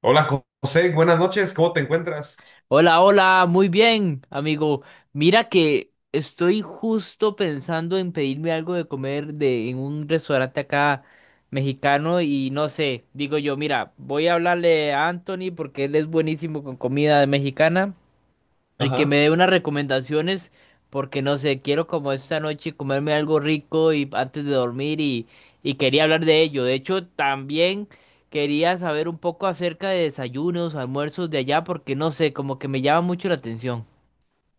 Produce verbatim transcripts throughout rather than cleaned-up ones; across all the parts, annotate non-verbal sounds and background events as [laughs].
Hola José, buenas noches, ¿cómo te encuentras? Hola, hola, muy bien, amigo. Mira que estoy justo pensando en pedirme algo de comer de, en un restaurante acá mexicano y no sé, digo yo, mira, voy a hablarle a Anthony porque él es buenísimo con comida mexicana y que me Ajá. dé unas recomendaciones, porque no sé, quiero como esta noche comerme algo rico y antes de dormir y, y quería hablar de ello. De hecho, también quería saber un poco acerca de desayunos, almuerzos de allá, porque no sé, como que me llama mucho la atención.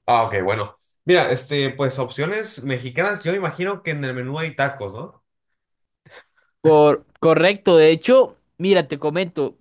Ah, ok, bueno. Mira, este, pues opciones mexicanas, yo imagino que en el menú hay tacos, ¿no? Cor- correcto, de hecho, mira, te comento.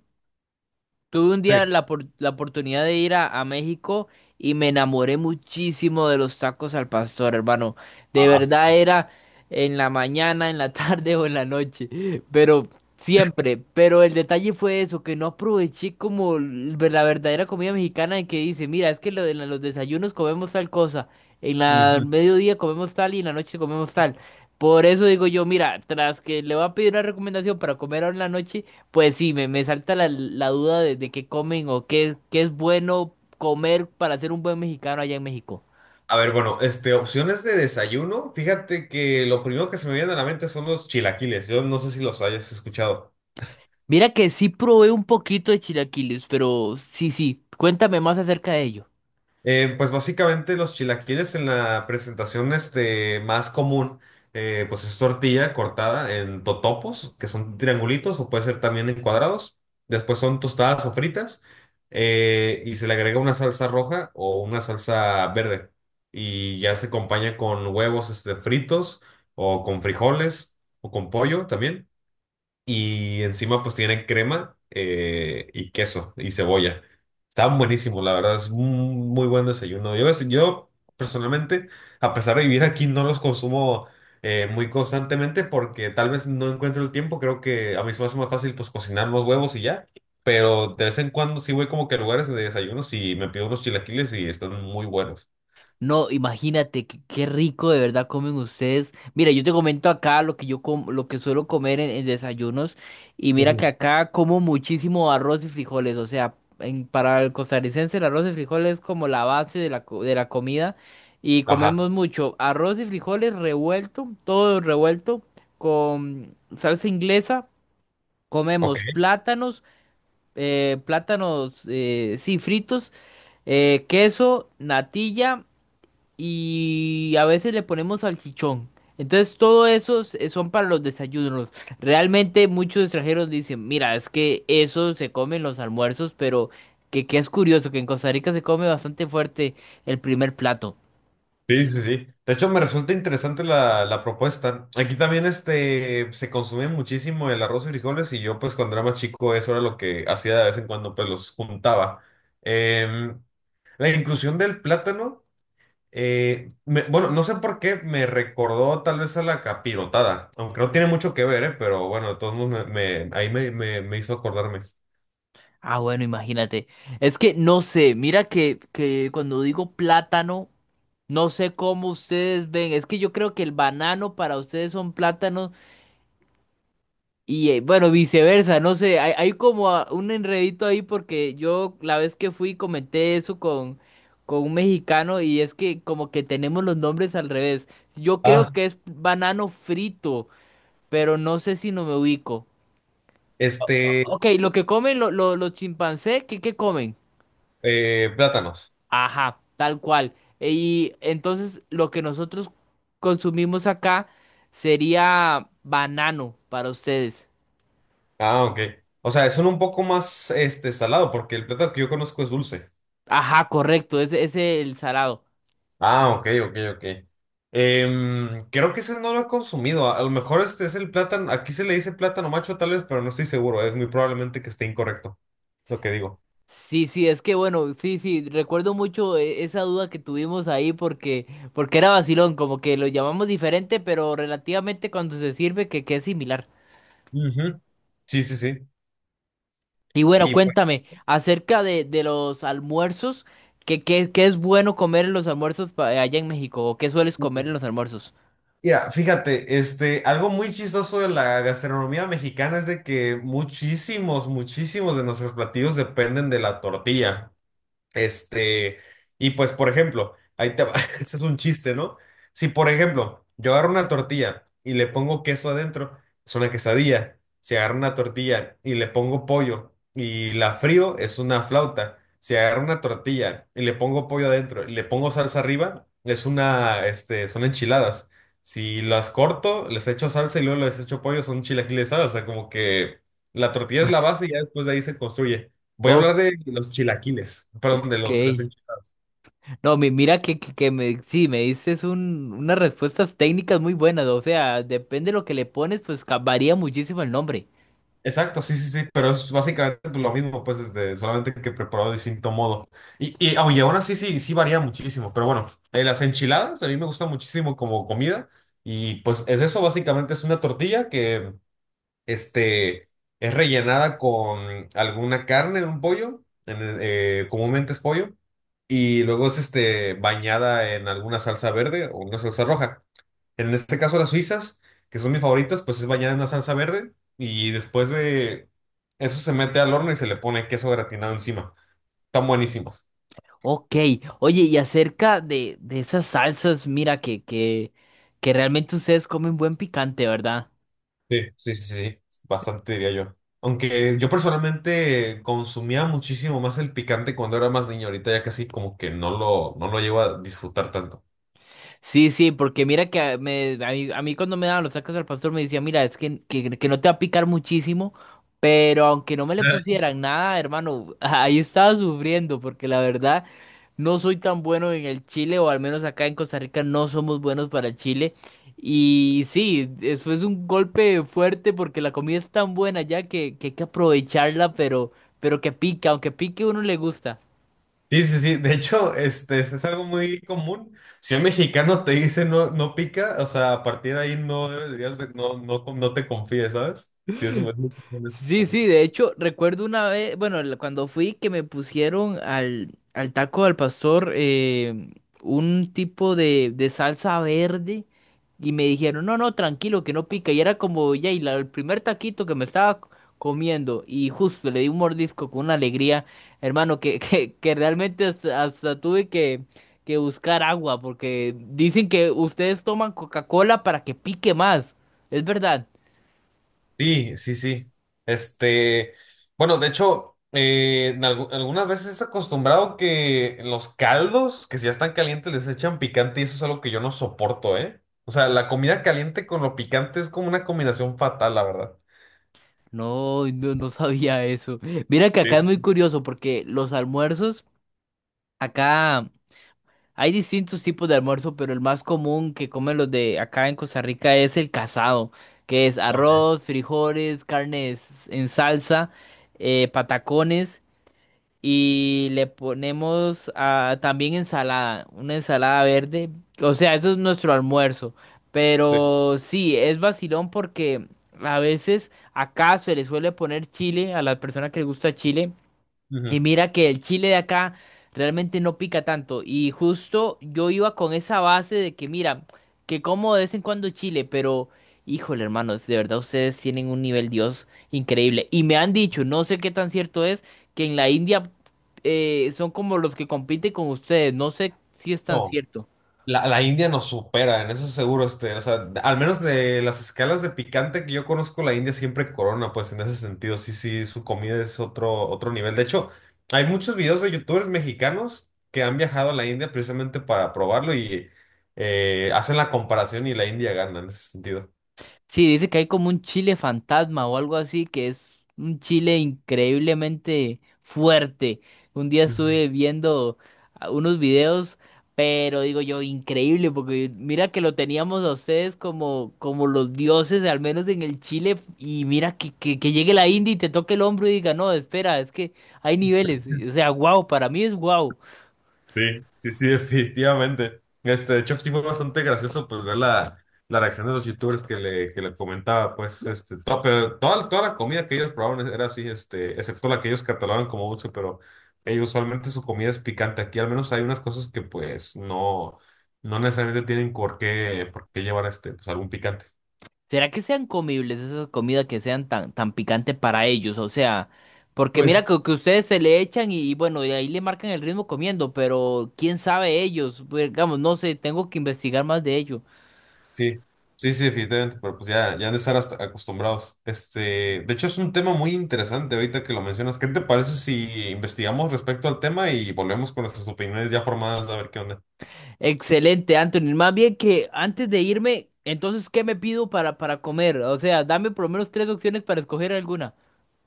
Tuve un Sí. día la, por- la oportunidad de ir a, a México y me enamoré muchísimo de los tacos al pastor, hermano. De Ah, sí. verdad era en la mañana, en la tarde [laughs] o en la noche, pero siempre. Pero el detalle fue eso, que no aproveché como l- la verdadera comida mexicana en que dice, mira, es que lo de la- los desayunos comemos tal cosa, en la Ujú. mediodía comemos tal y en la noche comemos tal. Por eso digo yo, mira, tras que le voy a pedir una recomendación para comer ahora en la noche. Pues sí, me, me salta la, la duda de, de qué comen o qué, qué es bueno comer para ser un buen mexicano allá en México. A ver, bueno, este, opciones de desayuno, fíjate que lo primero que se me viene a la mente son los chilaquiles, yo no sé si los hayas escuchado. Mira que sí probé un poquito de chilaquiles, pero sí, sí, cuéntame más acerca de ello. Eh, pues básicamente los chilaquiles en la presentación este, más común, eh, pues es tortilla cortada en totopos, que son triangulitos o puede ser también en cuadrados. Después son tostadas o fritas eh, y se le agrega una salsa roja o una salsa verde. Y ya se acompaña con huevos este, fritos o con frijoles o con pollo también. Y encima pues tiene crema eh, y queso y cebolla. Estaban buenísimos, la verdad, es un muy buen desayuno. Yo, es- yo personalmente, a pesar de vivir aquí, no los consumo eh, muy constantemente porque tal vez no encuentro el tiempo. Creo que a mí se me hace más fácil pues cocinar los huevos y ya. Pero de vez en cuando sí voy como que a lugares de desayunos y me pido unos chilaquiles y están muy buenos. No, imagínate qué, qué rico de verdad comen ustedes. Mira, yo te comento acá lo que yo com- lo que suelo comer en, en desayunos y mira Ujú. que acá como muchísimo arroz y frijoles, o sea, en- para el costarricense el arroz y frijoles es como la base de la, co- de la comida y Ajá, comemos mucho arroz y frijoles revuelto, todo revuelto con salsa inglesa, ok. comemos plátanos, eh, plátanos, eh, sí, fritos, eh, queso, natilla y a veces le ponemos salchichón. Entonces todo eso s- eh, son para los desayunos. Realmente muchos extranjeros dicen, mira, es que eso se come en los almuerzos, pero que, que es curioso que en Costa Rica se come bastante fuerte el primer plato. Sí, sí, sí. De hecho, me resulta interesante la, la propuesta. Aquí también este, se consume muchísimo el arroz y frijoles y yo pues cuando era más chico eso era lo que hacía de vez en cuando, pues los juntaba. Em, la inclusión del plátano, eh, me- bueno, no sé por qué me recordó tal vez a la capirotada, aunque no tiene mucho que ver, eh, pero bueno, de todos modos me, me- ahí me, me- me hizo acordarme. Ah, bueno, imagínate. Es que no sé, mira que, que cuando digo plátano, no sé cómo ustedes ven. Es que yo creo que el banano para ustedes son plátanos. Y eh, bueno, viceversa, no sé, hay, hay como ah, un enredito ahí porque yo la vez que fui comenté eso con, con un mexicano y es que como que tenemos los nombres al revés. Yo creo Ah. que es banano frito, pero no sé si no me ubico. Este, Ok, lo que comen lo- lo- los chimpancés, ¿qué, qué comen? eh, plátanos. Ajá, tal cual. E- Y entonces lo que nosotros consumimos acá sería banano para ustedes. Ah, ok. O sea, son un poco más este salado, porque el plátano que yo conozco es dulce. Ajá, correcto, ese ese es el salado. Ah, ok, ok, ok. Em, creo que ese no lo he consumido. A, a lo mejor este es el plátano. Aquí se le dice plátano macho, tal vez, pero no estoy seguro. Es muy probablemente que esté incorrecto lo que digo. Sí, sí, es que bueno, sí, sí, recuerdo mucho eh, esa duda que tuvimos ahí porque, porque era vacilón, como que lo llamamos diferente, pero relativamente cuando se sirve que, que es similar. Ujú. Sí, sí, sí. Y bueno, Y pues, cuéntame acerca de, de los almuerzos, que, que, que es bueno comer en los almuerzos pa- allá en México, o qué sueles comer en los almuerzos. mira, fíjate, este, algo muy chistoso de la gastronomía mexicana es de que muchísimos, muchísimos de nuestros platillos dependen de la tortilla. Este, y pues, por ejemplo, ahí te va, [laughs] ese es un chiste, ¿no? Si, por ejemplo, yo agarro una tortilla y le pongo queso adentro, es una quesadilla. Si agarro una tortilla y le pongo pollo y la frío, es una flauta. Si agarro una tortilla y le pongo pollo adentro y le pongo salsa arriba, es una, este, son enchiladas. Si las corto, les echo salsa y luego les echo pollo, son chilaquiles, ¿sabes? O sea, como que la tortilla es la base y ya después de ahí se construye. Voy a Oh, hablar de los chilaquiles, perdón, de ok. los, de las enchiladas. No, mi- mira que, que, que me, sí, me dices un, unas respuestas técnicas muy buenas, o sea, depende de lo que le pones, pues ca- varía muchísimo el nombre. Exacto, sí, sí, sí, pero es básicamente pues, lo mismo, pues, este, solamente que preparado de distinto modo. Y, y aunque aún así sí, sí varía muchísimo, pero bueno, eh, las enchiladas a mí me gustan muchísimo como comida y pues es eso, básicamente es una tortilla que este, es rellenada con alguna carne, un pollo, en el- eh, comúnmente es pollo, y luego es este, bañada en alguna salsa verde o una salsa roja. En este caso, las suizas, que son mis favoritas, pues es bañada en una salsa verde y después de eso se mete al horno y se le pone queso gratinado encima. Están buenísimas. Ok, oye, y acerca de, de esas salsas, mira que, que, que realmente ustedes comen buen picante, ¿verdad? Sí, sí, sí, sí, bastante diría yo. Aunque yo personalmente consumía muchísimo más el picante cuando era más niño, ahorita ya casi como que no lo, no lo llevo a disfrutar tanto. Sí, sí, porque mira que a- me, a mí, a mí cuando me daban los tacos al pastor me decía, mira, es que, que, que no te va a picar muchísimo, pero aunque no me le [laughs] pusieran nada, hermano, [laughs] ahí estaba sufriendo, porque la verdad no soy tan bueno en el chile, o al menos acá en Costa Rica no somos buenos para el chile. Y sí, eso es un golpe fuerte porque la comida es tan buena ya que, que hay que aprovecharla, pero, pero que pica, aunque pique uno le gusta. Sí, sí, sí. De hecho, este, es es algo muy común. Si un mexicano te dice no, no pica, o sea, a partir de ahí no deberías de- no, no, no te confíes, ¿sabes? Sí, es muy común Sí, sí, este de hecho, recuerdo una vez, bueno, la- cuando fui que me pusieron al, al taco al pastor eh, un tipo de, de salsa verde y me dijeron, no, no, tranquilo, que no pica. Y era como, ya, y la- el primer taquito que me estaba c- comiendo y justo le di un mordisco con una alegría, hermano, que, [laughs] que, que realmente hasta, hasta tuve que, que buscar agua porque dicen que ustedes toman Coca-Cola para que pique más. ¿Es verdad? Sí, sí, sí. Este, bueno, de hecho, eh, en algu- algunas veces es acostumbrado que en los caldos, que si ya están calientes, les echan picante y eso es algo que yo no soporto, ¿eh? O sea, la comida caliente con lo picante es como una combinación fatal, la verdad. No, no, no sabía eso. Mira que Sí, acá es muy sí. curioso porque los almuerzos, acá hay distintos tipos de almuerzo, pero el más común que comen los de acá en Costa Rica es el casado, que es Ok, arroz, frijoles, carnes en salsa, eh, patacones. Y le ponemos ah, también ensalada, una ensalada verde. O sea, eso es nuestro almuerzo. sí. Pero sí, es vacilón porque a veces acá se le suele poner chile a las personas que les gusta chile. Y Ujú. mira que el chile de acá realmente no pica tanto. Y justo yo iba con esa base de que, mira, que como de vez en cuando chile, pero híjole, hermanos, de verdad ustedes tienen un nivel Dios increíble. Y me han dicho, no sé qué tan cierto es, que en la India eh, son como los que compiten con ustedes. No sé si es tan No. cierto. La, la India nos supera, en eso seguro, este, o sea, al menos de las escalas de picante que yo conozco, la India siempre corona, pues en ese sentido, sí, sí, su comida es otro, otro nivel. De hecho, hay muchos videos de youtubers mexicanos que han viajado a la India precisamente para probarlo y eh, hacen la comparación y la India gana en ese sentido. Sí, dice que hay como un chile fantasma o algo así, que es un chile increíblemente fuerte. Un día estuve Ujú. viendo a- unos videos, pero digo yo, increíble, porque mira que lo teníamos a ustedes como, como los dioses, al menos en el Chile, y mira que, que, que llegue la India y te toque el hombro y diga, no, espera, es que hay niveles. O sea, wow, para mí es wow. Sí, sí, sí, [laughs] definitivamente. Este, de hecho, sí fue bastante gracioso pues ver la, la reacción de los youtubers que le, que le comentaba, pues, este, to- pero toda, toda la comida que ellos probaron e, era así, este, excepto la que ellos catalogan como dulce, pero ellos usualmente su comida es picante. Aquí al menos hay unas cosas que pues no, no necesariamente tienen por qué, por qué llevar este, pues algún picante. ¿Será que sean comibles esas comidas que sean tan, tan picante para ellos? O sea, porque mira Pues que, que ustedes se le echan y, y bueno, y ahí le marcan el ritmo comiendo, pero quién sabe ellos, pues, digamos, no sé, tengo que investigar más de ello. sí, sí, sí, definitivamente, pero pues ya, ya han de estar hasta- acostumbrados. Este, de hecho, es un tema muy interesante ahorita que lo mencionas. ¿Qué te parece si investigamos respecto al tema y volvemos con nuestras opiniones ya formadas a ver qué onda? Excelente, Anthony. Más bien que antes de irme, entonces, ¿qué me pido para, para comer? O sea, dame por lo menos tres opciones para escoger alguna.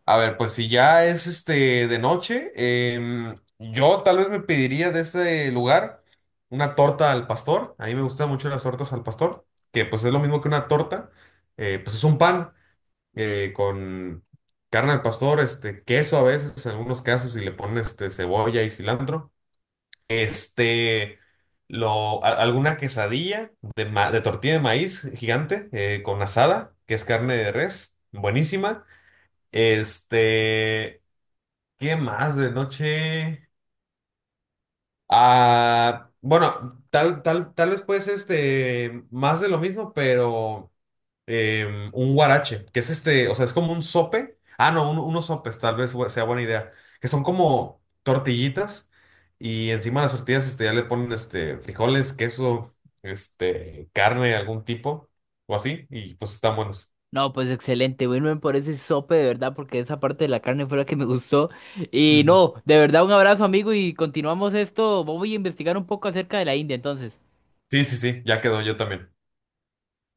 A ver, pues si ya es este de noche, em, yo tal vez me pediría de ese lugar una torta al pastor. A mí me gustan mucho las tortas al pastor, que pues es lo mismo que una torta, eh, pues es un pan. Eh, con carne al pastor, este, queso a veces, en algunos casos, y le ponen este, cebolla y cilantro. Este, lo, a- Alguna quesadilla de, ma- de tortilla de maíz gigante eh, con asada, que es carne de res, buenísima. Este, ¿Qué más de noche? Ah, bueno, tal, tal, tal vez pues este, más de lo mismo, pero eh, un guarache, que es este, o sea, es como un sope. Ah, no, un- unos sopes, tal vez bu- sea buena idea. Que son como tortillitas y encima de las tortillas este, ya le ponen este, frijoles, queso, este, carne de algún tipo o así, y pues están buenos. No, pues excelente, Wilmer, por ese sope de verdad, porque esa parte de la carne fue la que me gustó. Y Ujú. no, de verdad, un abrazo, amigo, y continuamos esto. Voy a investigar un poco acerca de la India, entonces. Sí, sí, sí, ya quedó yo también.